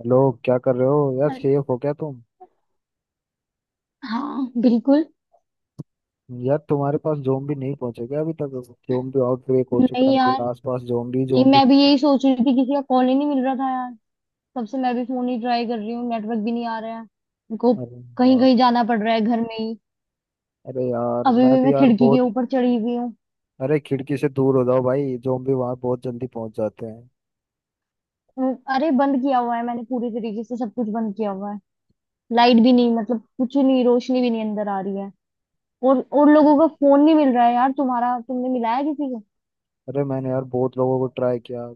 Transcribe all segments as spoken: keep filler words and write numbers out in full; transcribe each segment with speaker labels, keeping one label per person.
Speaker 1: Hello. क्या कर रहे हो यार?
Speaker 2: अरे।
Speaker 1: सेफ हो क्या तुम?
Speaker 2: हाँ बिल्कुल।
Speaker 1: यार तुम्हारे पास जोम्बी नहीं पहुंचे क्या अभी तक? जोम्बी आउटब्रेक हो चुका
Speaker 2: नहीं
Speaker 1: है,
Speaker 2: यार।
Speaker 1: मेरे आसपास जोम्बी
Speaker 2: नहीं, मैं
Speaker 1: जोम्बी।
Speaker 2: भी यही सोच रही थी, किसी का कॉल ही नहीं मिल रहा था यार। तब से मैं भी फोन ही ट्राई कर रही हूँ, नेटवर्क भी नहीं आ रहा है मेरे को।
Speaker 1: अरे
Speaker 2: कहीं
Speaker 1: यार।
Speaker 2: कहीं जाना पड़ रहा है घर में ही।
Speaker 1: अरे यार
Speaker 2: अभी
Speaker 1: मैं
Speaker 2: भी
Speaker 1: भी
Speaker 2: मैं
Speaker 1: यार
Speaker 2: खिड़की के
Speaker 1: बहुत।
Speaker 2: ऊपर चढ़ी हुई हूँ।
Speaker 1: अरे खिड़की से दूर हो जाओ भाई, जोम्बी वहां बहुत जल्दी पहुंच जाते हैं।
Speaker 2: हम्म। अरे बंद किया हुआ है, मैंने पूरी तरीके से सब कुछ बंद किया हुआ है। लाइट भी नहीं, मतलब कुछ नहीं, रोशनी भी नहीं अंदर आ रही है। और और लोगों का फोन नहीं मिल रहा है यार। तुम्हारा, तुमने मिलाया किसी को?
Speaker 1: अरे मैंने यार बहुत लोगों को ट्राई किया।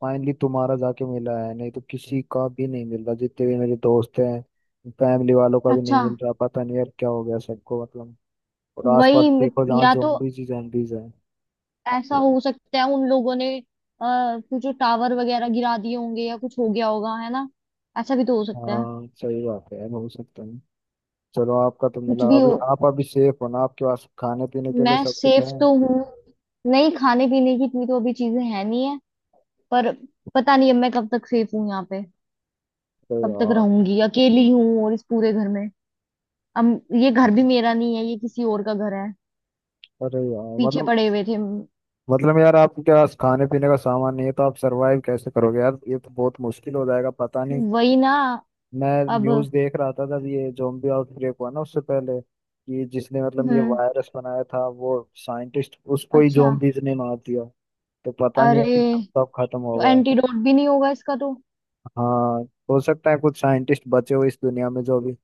Speaker 1: फाइनली तुम्हारा जाके मिला है, नहीं तो किसी का भी नहीं मिल रहा जितने भी मेरे दोस्त हैं। फैमिली वालों का भी
Speaker 2: अच्छा।
Speaker 1: नहीं मिल रहा, पता नहीं यार क्या हो गया सबको मतलब। और आसपास
Speaker 2: वही
Speaker 1: देखो जहाँ
Speaker 2: या तो।
Speaker 1: जोम्बीज ही जोम्बीज हैं।
Speaker 2: ऐसा हो सकता है उन लोगों ने आ, कुछ टावर वगैरह गिरा दिए होंगे या कुछ हो गया होगा, है ना? ऐसा भी तो हो सकता है।
Speaker 1: हाँ सही बात है यार, हो सकता है। चलो आपका तो
Speaker 2: कुछ
Speaker 1: मिला,
Speaker 2: भी हो,
Speaker 1: अभी आप अभी सेफ हो ना? आपके पास खाने पीने के लिए
Speaker 2: मैं
Speaker 1: सब कुछ
Speaker 2: सेफ
Speaker 1: है?
Speaker 2: तो हूँ। नहीं, खाने पीने की इतनी तो अभी चीजें है नहीं है। पर पता नहीं अब मैं कब तक सेफ हूँ यहाँ पे,
Speaker 1: अरे
Speaker 2: कब तक
Speaker 1: यार।
Speaker 2: रहूंगी, अकेली हूँ और इस पूरे घर में। अब ये घर भी मेरा नहीं है, ये किसी और का घर है।
Speaker 1: अरे यार
Speaker 2: पीछे
Speaker 1: मतलब।
Speaker 2: पड़े हुए थे।
Speaker 1: मतलब यार आपके पास खाने पीने का सामान नहीं है तो आप सरवाइव कैसे करोगे यार? ये तो बहुत मुश्किल हो जाएगा, पता नहीं।
Speaker 2: वही ना।
Speaker 1: मैं
Speaker 2: अब।
Speaker 1: न्यूज़ देख रहा था जब ये zombie आउटब्रेक हुआ ना, उससे पहले कि जिसने मतलब ये
Speaker 2: हम्म।
Speaker 1: वायरस बनाया था वो साइंटिस्ट, उसको ही
Speaker 2: अच्छा।
Speaker 1: zombies ने मार दिया। तो पता नहीं है
Speaker 2: अरे,
Speaker 1: कि कब कब खत्म
Speaker 2: तो
Speaker 1: होगा।
Speaker 2: एंटीडोट भी नहीं होगा इसका तो?
Speaker 1: हाँ। हो सकता है कुछ साइंटिस्ट बचे हो इस दुनिया में जो अभी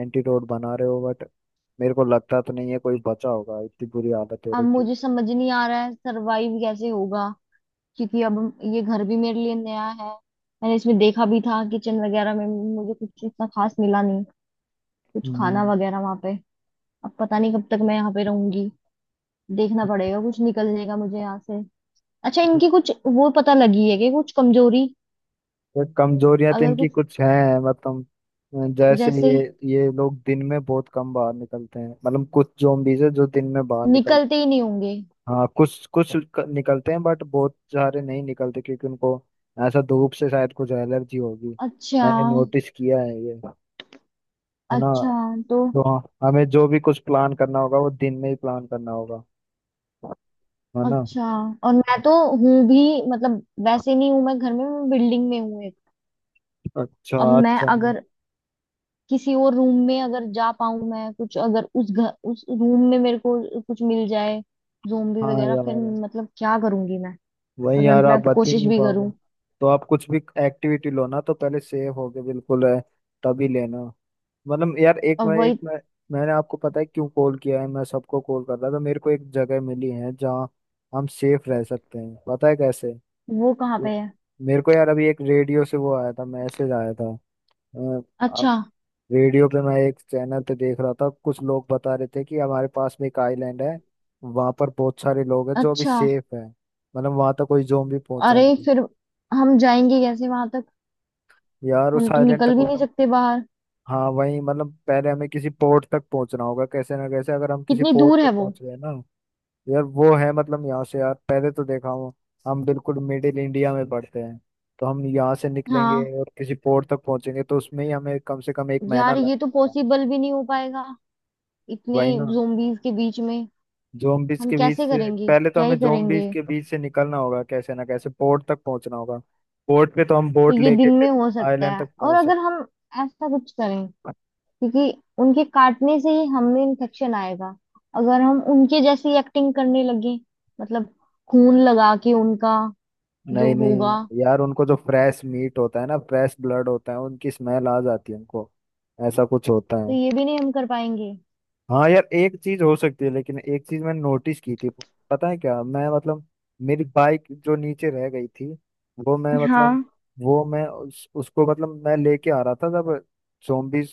Speaker 1: एंटीडोट बना रहे हो, बट मेरे को लगता तो नहीं है कोई बचा होगा, इतनी बुरी हालत है
Speaker 2: अब
Speaker 1: रखी।
Speaker 2: मुझे समझ नहीं आ रहा है सरवाइव कैसे होगा, क्योंकि अब ये घर भी मेरे लिए नया है। मैंने इसमें देखा भी था, किचन वगैरह में मुझे कुछ इतना खास मिला नहीं, कुछ खाना
Speaker 1: हम्म
Speaker 2: वगैरह वहां पे। अब पता नहीं कब तक मैं यहाँ पे रहूंगी। देखना पड़ेगा, कुछ निकल जाएगा मुझे यहाँ से। अच्छा, इनकी कुछ वो पता लगी है कि कुछ कमजोरी?
Speaker 1: तो कमजोरियां तो
Speaker 2: अगर
Speaker 1: इनकी
Speaker 2: कुछ,
Speaker 1: कुछ हैं, मतलब जैसे
Speaker 2: जैसे।
Speaker 1: ये ये लोग दिन में बहुत कम बाहर निकलते हैं। मतलब कुछ zombies है जो दिन में बाहर निकलते
Speaker 2: निकलते ही नहीं होंगे।
Speaker 1: हैं। हाँ कुछ कुछ क- निकलते हैं बट बहुत सारे नहीं निकलते, क्योंकि उनको ऐसा धूप से शायद कुछ एलर्जी होगी।
Speaker 2: अच्छा।
Speaker 1: मैंने नोटिस किया है ये। है ना?
Speaker 2: अच्छा। तो।
Speaker 1: तो हमें जो भी कुछ प्लान करना होगा वो दिन में ही प्लान करना होगा। है ना?
Speaker 2: अच्छा। और मैं तो हूँ भी, मतलब वैसे नहीं हूँ मैं घर में, मैं बिल्डिंग में हूँ।
Speaker 1: अच्छा
Speaker 2: अब मैं
Speaker 1: अच्छा।
Speaker 2: अगर किसी और रूम में अगर जा पाऊं, मैं कुछ, अगर उस घर उस रूम में मेरे को कुछ मिल जाए। ज़ोंबी
Speaker 1: हाँ
Speaker 2: वगैरह
Speaker 1: यार।
Speaker 2: फिर। मतलब क्या करूंगी मैं?
Speaker 1: वही यार
Speaker 2: अगर
Speaker 1: आप
Speaker 2: मैं
Speaker 1: बता ही
Speaker 2: कोशिश
Speaker 1: नहीं
Speaker 2: भी
Speaker 1: पाओगे।
Speaker 2: करूं।
Speaker 1: तो आप कुछ भी एक्टिविटी लो ना तो पहले सेव होगे बिल्कुल है। तभी लेना। मतलब यार एक
Speaker 2: और
Speaker 1: मैं एक
Speaker 2: वही।
Speaker 1: मैं मैंने आपको पता है क्यों कॉल किया है? मैं सबको कॉल कर रहा था तो मेरे को एक जगह मिली है जहाँ हम सेफ रह सकते हैं, पता है कैसे?
Speaker 2: वो कहाँ पे
Speaker 1: ये-
Speaker 2: है?
Speaker 1: मेरे को यार अभी एक रेडियो से वो आया था, मैसेज आया था।
Speaker 2: अच्छा।
Speaker 1: रेडियो पे मैं एक चैनल पे देख रहा था, कुछ लोग बता रहे थे कि हमारे पास में एक आइलैंड है, वहां पर बहुत सारे लोग हैं जो अभी
Speaker 2: अच्छा।
Speaker 1: सेफ है। मतलब वहां तक कोई ज़ोंबी पहुंचा
Speaker 2: अरे,
Speaker 1: नहीं।
Speaker 2: फिर हम जाएंगे कैसे वहां तक?
Speaker 1: यार उस
Speaker 2: हम तो
Speaker 1: आइलैंड तक
Speaker 2: निकल भी नहीं
Speaker 1: मतलब।
Speaker 2: सकते बाहर।
Speaker 1: हाँ वही मतलब पहले हमें किसी पोर्ट तक पहुंचना होगा कैसे ना कैसे, अगर हम किसी
Speaker 2: कितनी
Speaker 1: पोर्ट
Speaker 2: दूर है
Speaker 1: तक
Speaker 2: वो?
Speaker 1: पहुंच गए ना। यार वो है मतलब यहाँ से, यार पहले तो देखा हूँ हम बिल्कुल मिडिल इंडिया में पड़ते हैं। तो हम यहाँ से निकलेंगे
Speaker 2: हाँ
Speaker 1: और किसी पोर्ट तक पहुंचेंगे तो उसमें ही हमें कम से कम एक महीना
Speaker 2: यार, ये तो
Speaker 1: लगेगा।
Speaker 2: पॉसिबल भी नहीं हो पाएगा, इतने
Speaker 1: वही ना।
Speaker 2: ज़ोंबीज के बीच में।
Speaker 1: जोम्बिस
Speaker 2: हम
Speaker 1: के बीच
Speaker 2: कैसे
Speaker 1: से
Speaker 2: करेंगे,
Speaker 1: पहले तो
Speaker 2: क्या
Speaker 1: हमें
Speaker 2: ही
Speaker 1: जोम्बिस
Speaker 2: करेंगे?
Speaker 1: के बीच से निकलना होगा कैसे ना कैसे, पोर्ट तक पहुंचना होगा। पोर्ट पे तो हम
Speaker 2: तो
Speaker 1: बोट
Speaker 2: ये दिन
Speaker 1: लेके
Speaker 2: में
Speaker 1: फिर
Speaker 2: हो सकता
Speaker 1: आइलैंड
Speaker 2: है,
Speaker 1: तक
Speaker 2: और
Speaker 1: पहुंच
Speaker 2: अगर
Speaker 1: सकते
Speaker 2: हम ऐसा कुछ करें,
Speaker 1: हैं।
Speaker 2: क्योंकि उनके काटने से ही हमें इन्फेक्शन आएगा। अगर हम उनके जैसी एक्टिंग करने लगे, मतलब खून लगा के उनका, जो
Speaker 1: नहीं
Speaker 2: होगा।
Speaker 1: नहीं यार, उनको जो फ्रेश मीट होता है ना, फ्रेश ब्लड होता है, उनकी स्मेल आ जाती है उनको। ऐसा कुछ होता
Speaker 2: तो
Speaker 1: है।
Speaker 2: ये भी नहीं हम कर पाएंगे।
Speaker 1: हाँ यार एक चीज हो सकती है, लेकिन एक चीज मैंने नोटिस की थी, पता है क्या मैं मतलब? मेरी बाइक जो नीचे रह गई थी, वो मैं मतलब
Speaker 2: हाँ।
Speaker 1: वो मैं उस, उसको मतलब मैं लेके आ रहा था जब zombies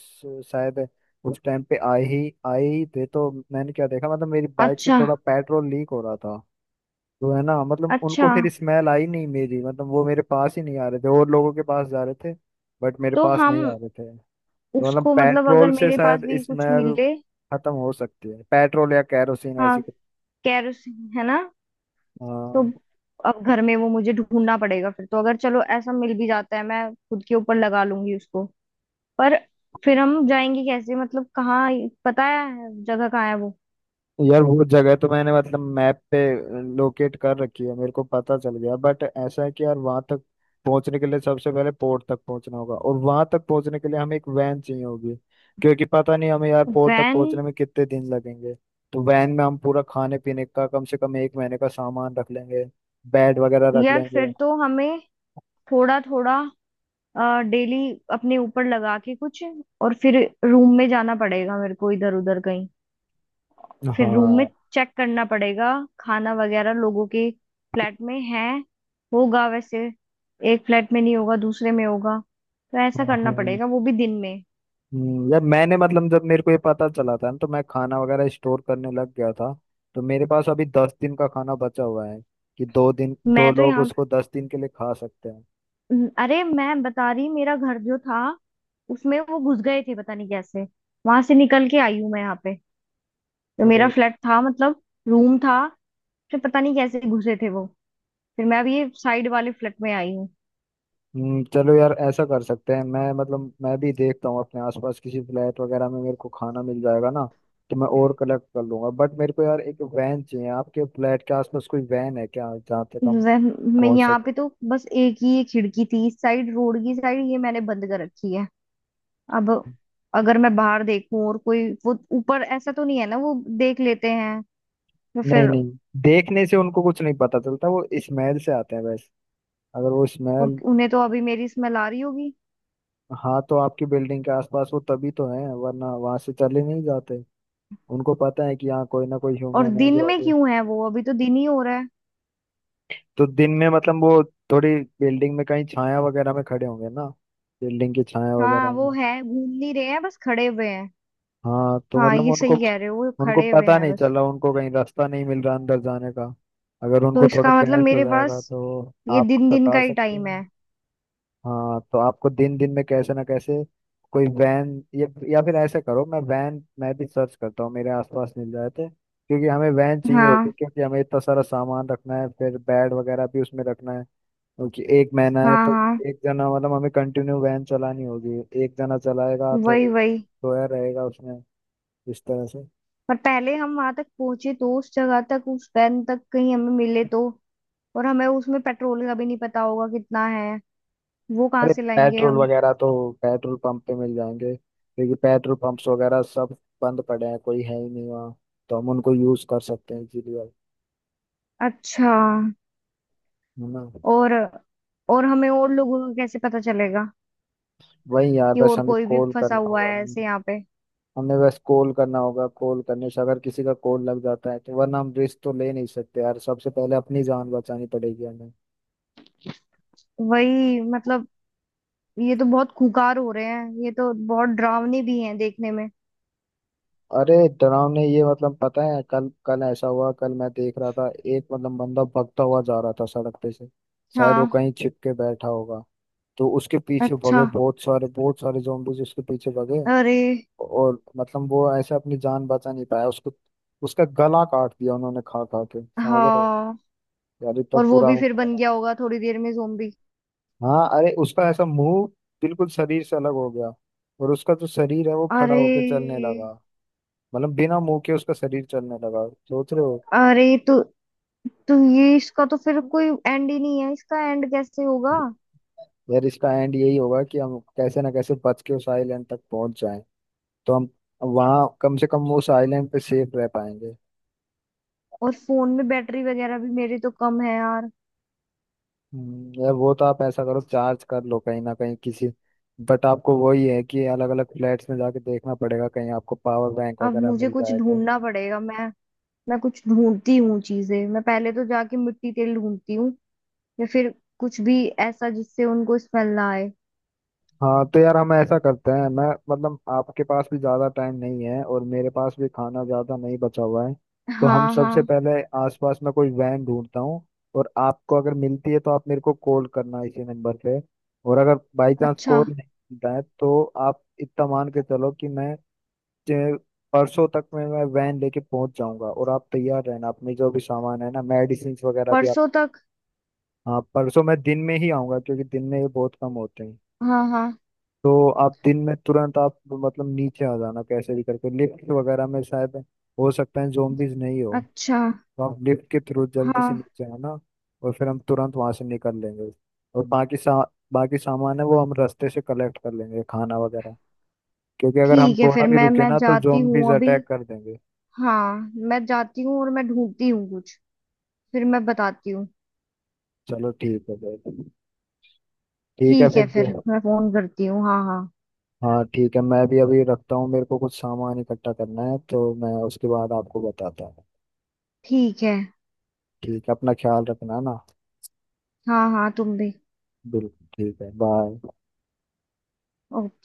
Speaker 1: शायद उस टाइम पे आए ही आए ही थे, तो मैंने क्या देखा मतलब मेरी बाइक से
Speaker 2: अच्छा।
Speaker 1: थोड़ा पेट्रोल लीक हो रहा था। तो है ना मतलब
Speaker 2: अच्छा।
Speaker 1: उनको फिर स्मेल आई नहीं मेरी, मतलब वो मेरे पास ही नहीं आ रहे थे और लोगों के पास जा रहे थे, बट मेरे
Speaker 2: तो
Speaker 1: पास
Speaker 2: हम
Speaker 1: नहीं आ रहे थे। तो मतलब
Speaker 2: उसको, मतलब
Speaker 1: पेट्रोल
Speaker 2: अगर
Speaker 1: से
Speaker 2: मेरे पास
Speaker 1: शायद
Speaker 2: भी कुछ
Speaker 1: स्मेल
Speaker 2: मिले।
Speaker 1: खत्म हो सकती है, पेट्रोल या कैरोसिन ऐसी
Speaker 2: हाँ,
Speaker 1: कुछ।
Speaker 2: केरोसिन, है ना? तो
Speaker 1: हाँ
Speaker 2: अब घर में वो मुझे ढूंढना पड़ेगा फिर। तो अगर चलो ऐसा मिल भी जाता है, मैं खुद के ऊपर लगा लूंगी उसको, पर फिर हम जाएंगे कैसे, मतलब कहाँ? पता है जगह कहाँ है वो?
Speaker 1: यार वो जगह तो मैंने मतलब मैप पे लोकेट कर रखी है, मेरे को पता चल गया, बट ऐसा है कि यार वहां तक पहुंचने के लिए सबसे पहले पोर्ट तक पहुंचना होगा, और वहां तक पहुंचने के लिए हमें एक वैन चाहिए होगी क्योंकि पता नहीं हमें यार पोर्ट तक
Speaker 2: वैन।
Speaker 1: पहुंचने में कितने दिन लगेंगे। तो वैन में हम पूरा खाने पीने का कम से कम एक महीने का सामान रख लेंगे, बेड वगैरह रख
Speaker 2: यार
Speaker 1: लेंगे।
Speaker 2: फिर तो हमें थोड़ा थोड़ा डेली अपने ऊपर लगा के कुछ, और फिर रूम में जाना पड़ेगा मेरे को इधर उधर कहीं। फिर रूम में
Speaker 1: हाँ
Speaker 2: चेक करना पड़ेगा, खाना वगैरह लोगों के फ्लैट में है, होगा वैसे। एक फ्लैट में नहीं होगा, दूसरे में होगा। तो ऐसा
Speaker 1: हाँ
Speaker 2: करना
Speaker 1: हाँ।
Speaker 2: पड़ेगा वो भी दिन में।
Speaker 1: हम्म, यार मैंने मतलब जब मेरे को ये पता चला था ना तो मैं खाना वगैरह स्टोर करने लग गया था, तो मेरे पास अभी दस दिन का खाना बचा हुआ है कि दो दिन दो
Speaker 2: मैं तो
Speaker 1: लोग
Speaker 2: यहाँ।
Speaker 1: उसको दस दिन के लिए खा सकते हैं।
Speaker 2: अरे मैं बता रही, मेरा घर जो था, उसमें वो घुस गए थे, पता नहीं कैसे। वहां से निकल के आई हूँ मैं यहाँ पे। तो मेरा
Speaker 1: अरे।
Speaker 2: फ्लैट था, मतलब रूम था। फिर पता नहीं कैसे घुसे थे वो। फिर मैं अभी ये साइड वाले फ्लैट में आई हूँ।
Speaker 1: हम्म, चलो यार ऐसा कर सकते हैं, मैं मतलब मैं भी देखता हूँ अपने आसपास किसी फ्लैट वगैरह में मेरे को खाना मिल जाएगा ना, तो मैं और कलेक्ट कर लूंगा। बट मेरे को यार एक वैन चाहिए, आपके फ्लैट के आसपास कोई वैन है क्या जहाँ तक हम
Speaker 2: वह- मैं
Speaker 1: पहुंच
Speaker 2: यहाँ
Speaker 1: सके?
Speaker 2: पे तो बस एक ही एक खिड़की थी, इस साइड रोड की साइड, ये मैंने बंद कर रखी है। अब अगर मैं बाहर देखूं, और कोई वो ऊपर ऐसा तो नहीं है ना, वो देख लेते हैं? तो
Speaker 1: नहीं
Speaker 2: फिर।
Speaker 1: नहीं, देखने से उनको कुछ नहीं पता चलता, वो स्मेल से आते हैं। अगर वो
Speaker 2: और
Speaker 1: स्मेल।
Speaker 2: उन्हें तो अभी मेरी स्मेल आ रही होगी।
Speaker 1: हाँ तो आपकी बिल्डिंग के आसपास वो तभी तो है, वरना वहां से चले नहीं जाते। उनको पता है कि यहाँ कोई ना कोई
Speaker 2: और
Speaker 1: ह्यूमन है
Speaker 2: दिन
Speaker 1: जो
Speaker 2: में
Speaker 1: अभी।
Speaker 2: क्यों है वो, अभी तो दिन ही हो रहा है।
Speaker 1: तो दिन में मतलब वो थोड़ी बिल्डिंग में कहीं छाया वगैरह में खड़े होंगे ना, बिल्डिंग की छाया वगैरह
Speaker 2: हाँ वो
Speaker 1: में।
Speaker 2: है, घूम नहीं रहे हैं, बस खड़े हुए हैं।
Speaker 1: हाँ तो
Speaker 2: हाँ
Speaker 1: मतलब
Speaker 2: ये
Speaker 1: उनको,
Speaker 2: सही कह रहे हो, वो
Speaker 1: उनको
Speaker 2: खड़े हुए
Speaker 1: पता
Speaker 2: हैं
Speaker 1: नहीं
Speaker 2: बस।
Speaker 1: चला, उनको कहीं रास्ता नहीं मिल रहा अंदर जाने का। अगर
Speaker 2: तो
Speaker 1: उनको थोड़ा
Speaker 2: इसका मतलब
Speaker 1: गैस हो
Speaker 2: मेरे पास
Speaker 1: जाएगा तो
Speaker 2: ये
Speaker 1: आप
Speaker 2: दिन दिन का
Speaker 1: सता
Speaker 2: ही
Speaker 1: सकते
Speaker 2: टाइम है।
Speaker 1: हैं। हाँ तो आपको दिन दिन में कैसे ना कैसे कोई वैन, या, या फिर ऐसे करो मैं वैन मैं भी सर्च करता हूँ मेरे आसपास मिल जाए थे, क्योंकि हमें वैन चाहिए होगी
Speaker 2: हाँ।
Speaker 1: क्योंकि हमें इतना सारा सामान रखना है, फिर बेड वगैरह भी उसमें रखना है क्योंकि एक महीना है
Speaker 2: हाँ।
Speaker 1: तो।
Speaker 2: हाँ।
Speaker 1: एक जना मतलब हमें कंटिन्यू वैन चलानी होगी, एक जना चलाएगा तो
Speaker 2: वही
Speaker 1: एक
Speaker 2: वही।
Speaker 1: सोया रहेगा उसमें, इस तरह से।
Speaker 2: पर पहले हम वहां तक पहुंचे तो, उस जगह तक, उस वैन तक कहीं हमें मिले तो। और हमें उसमें पेट्रोल का भी नहीं पता होगा कितना है। वो कहाँ
Speaker 1: अरे
Speaker 2: से लाएंगे
Speaker 1: पेट्रोल
Speaker 2: हम?
Speaker 1: वगैरह तो पेट्रोल पंप पे मिल जाएंगे, क्योंकि पेट्रोल पंप्स वगैरह सब बंद पड़े हैं, कोई है ही नहीं वहाँ। तो हम उनको यूज कर सकते हैं इजीली।
Speaker 2: अच्छा।
Speaker 1: है ना?
Speaker 2: और और हमें और लोगों का कैसे पता चलेगा,
Speaker 1: वही यार
Speaker 2: कि
Speaker 1: बस
Speaker 2: और
Speaker 1: हमें
Speaker 2: कोई भी
Speaker 1: कॉल
Speaker 2: फंसा
Speaker 1: करना
Speaker 2: हुआ
Speaker 1: होगा।
Speaker 2: है ऐसे यहाँ पे।
Speaker 1: हमें बस कॉल करना होगा, कॉल करने से अगर किसी का कॉल लग जाता है तो, वरना हम रिस्क तो ले नहीं सकते यार, सबसे पहले अपनी जान बचानी पड़ेगी हमें।
Speaker 2: वही मतलब, ये तो बहुत खुंखार हो रहे हैं, ये तो बहुत डरावने भी हैं देखने में।
Speaker 1: अरे डरावने ये मतलब पता है कल कल ऐसा हुआ, कल मैं देख रहा था एक मतलब बंदा भगता हुआ जा रहा था सड़क पे से, शायद वो
Speaker 2: हाँ।
Speaker 1: कहीं छिप के बैठा होगा। तो उसके पीछे भगे
Speaker 2: अच्छा।
Speaker 1: बहुत सारे बहुत सारे जोम्बीज उसके पीछे भगे।
Speaker 2: अरे।
Speaker 1: और मतलब वो ऐसे अपनी जान बचा नहीं पाया, उसको उसका गला काट दिया उन्होंने, खा खा के, समझ रहे हो?
Speaker 2: हाँ,
Speaker 1: यार इतना
Speaker 2: और वो
Speaker 1: पूरा
Speaker 2: भी
Speaker 1: हो
Speaker 2: फिर बन
Speaker 1: गया।
Speaker 2: गया होगा थोड़ी देर में जोम्बी।
Speaker 1: हाँ अरे उसका ऐसा मुंह बिल्कुल शरीर से अलग हो गया, और उसका जो शरीर है वो खड़ा
Speaker 2: अरे।
Speaker 1: होकर चलने लगा। मतलब बिना मुंह के उसका शरीर चलने लगा, सोच रहे हो?
Speaker 2: अरे, तो। तो ये इसका तो फिर कोई एंड ही नहीं है, इसका एंड कैसे होगा?
Speaker 1: यार इसका एंड यही होगा कि हम कैसे ना कैसे बच के उस आइलैंड तक पहुंच जाएं, तो हम वहां कम से कम उस आइलैंड पे सेफ रह पाएंगे।
Speaker 2: और फोन में बैटरी वगैरह भी मेरी तो कम है यार।
Speaker 1: हम्म, यार वो तो आप ऐसा करो चार्ज कर लो कहीं ना कहीं किसी। बट आपको वही है कि अलग अलग फ्लैट्स में जाके देखना पड़ेगा, कहीं आपको पावर बैंक
Speaker 2: अब
Speaker 1: वगैरह
Speaker 2: मुझे
Speaker 1: मिल
Speaker 2: कुछ
Speaker 1: जाए तो।
Speaker 2: ढूंढना पड़ेगा। मैं मैं कुछ ढूंढती हूँ चीजें। मैं पहले तो जाके मिट्टी तेल ढूंढती हूँ, या फिर कुछ भी ऐसा जिससे उनको स्मेल ना आए।
Speaker 1: हाँ तो यार हम ऐसा करते हैं, मैं मतलब आपके पास भी ज़्यादा टाइम नहीं है और मेरे पास भी खाना ज़्यादा नहीं बचा हुआ है। तो हम
Speaker 2: हाँ
Speaker 1: सबसे
Speaker 2: हाँ।
Speaker 1: पहले आसपास में कोई वैन ढूंढता हूँ, और आपको अगर मिलती है तो आप मेरे को कॉल करना इसी नंबर पे। और अगर बाई चांस
Speaker 2: अच्छा।
Speaker 1: कॉल नहीं मिलता है तो आप इतना मान के चलो कि मैं जे- परसों तक में मैं वैन लेके पहुंच जाऊंगा, और आप तैयार रहना, अपने जो भी सामान है ना, मेडिसिन वगैरह भी आप।
Speaker 2: परसों तक?
Speaker 1: हाँ परसों मैं दिन में ही आऊंगा, क्योंकि दिन में ये बहुत कम होते हैं।
Speaker 2: हाँ हाँ।
Speaker 1: तो आप दिन में तुरंत आप मतलब नीचे आ जाना कैसे भी करके, लिफ्ट वगैरह में शायद हो सकता है जोम्बिस नहीं हो।
Speaker 2: अच्छा।
Speaker 1: तो आप लिफ्ट के थ्रू जल्दी से
Speaker 2: हाँ।
Speaker 1: नीचे आना, और फिर हम तुरंत वहां से निकल लेंगे। और बाकी सा बाकी सामान है वो हम रास्ते से कलेक्ट कर लेंगे खाना वगैरह, क्योंकि अगर हम
Speaker 2: ठीक है
Speaker 1: थोड़ा
Speaker 2: फिर।
Speaker 1: भी
Speaker 2: मैं
Speaker 1: रुके
Speaker 2: मैं
Speaker 1: ना तो
Speaker 2: जाती हूँ
Speaker 1: जोम्बिस
Speaker 2: अभी।
Speaker 1: अटैक कर देंगे।
Speaker 2: हाँ। मैं जाती हूँ और मैं ढूंढती हूँ कुछ। फिर मैं बताती हूँ।
Speaker 1: चलो ठीक है भाई। ठीक है
Speaker 2: ठीक
Speaker 1: फिर
Speaker 2: है फिर,
Speaker 1: जो-
Speaker 2: मैं फोन करती हूँ। हाँ हाँ।
Speaker 1: हाँ ठीक है, मैं भी अभी रखता हूँ, मेरे को कुछ सामान इकट्ठा करना है तो मैं उसके बाद आपको बताता हूँ।
Speaker 2: ठीक है।
Speaker 1: ठीक है, अपना ख्याल रखना ना।
Speaker 2: हाँ हाँ तुम भी।
Speaker 1: बिल्कुल। ठीक है, बाय।
Speaker 2: ओके।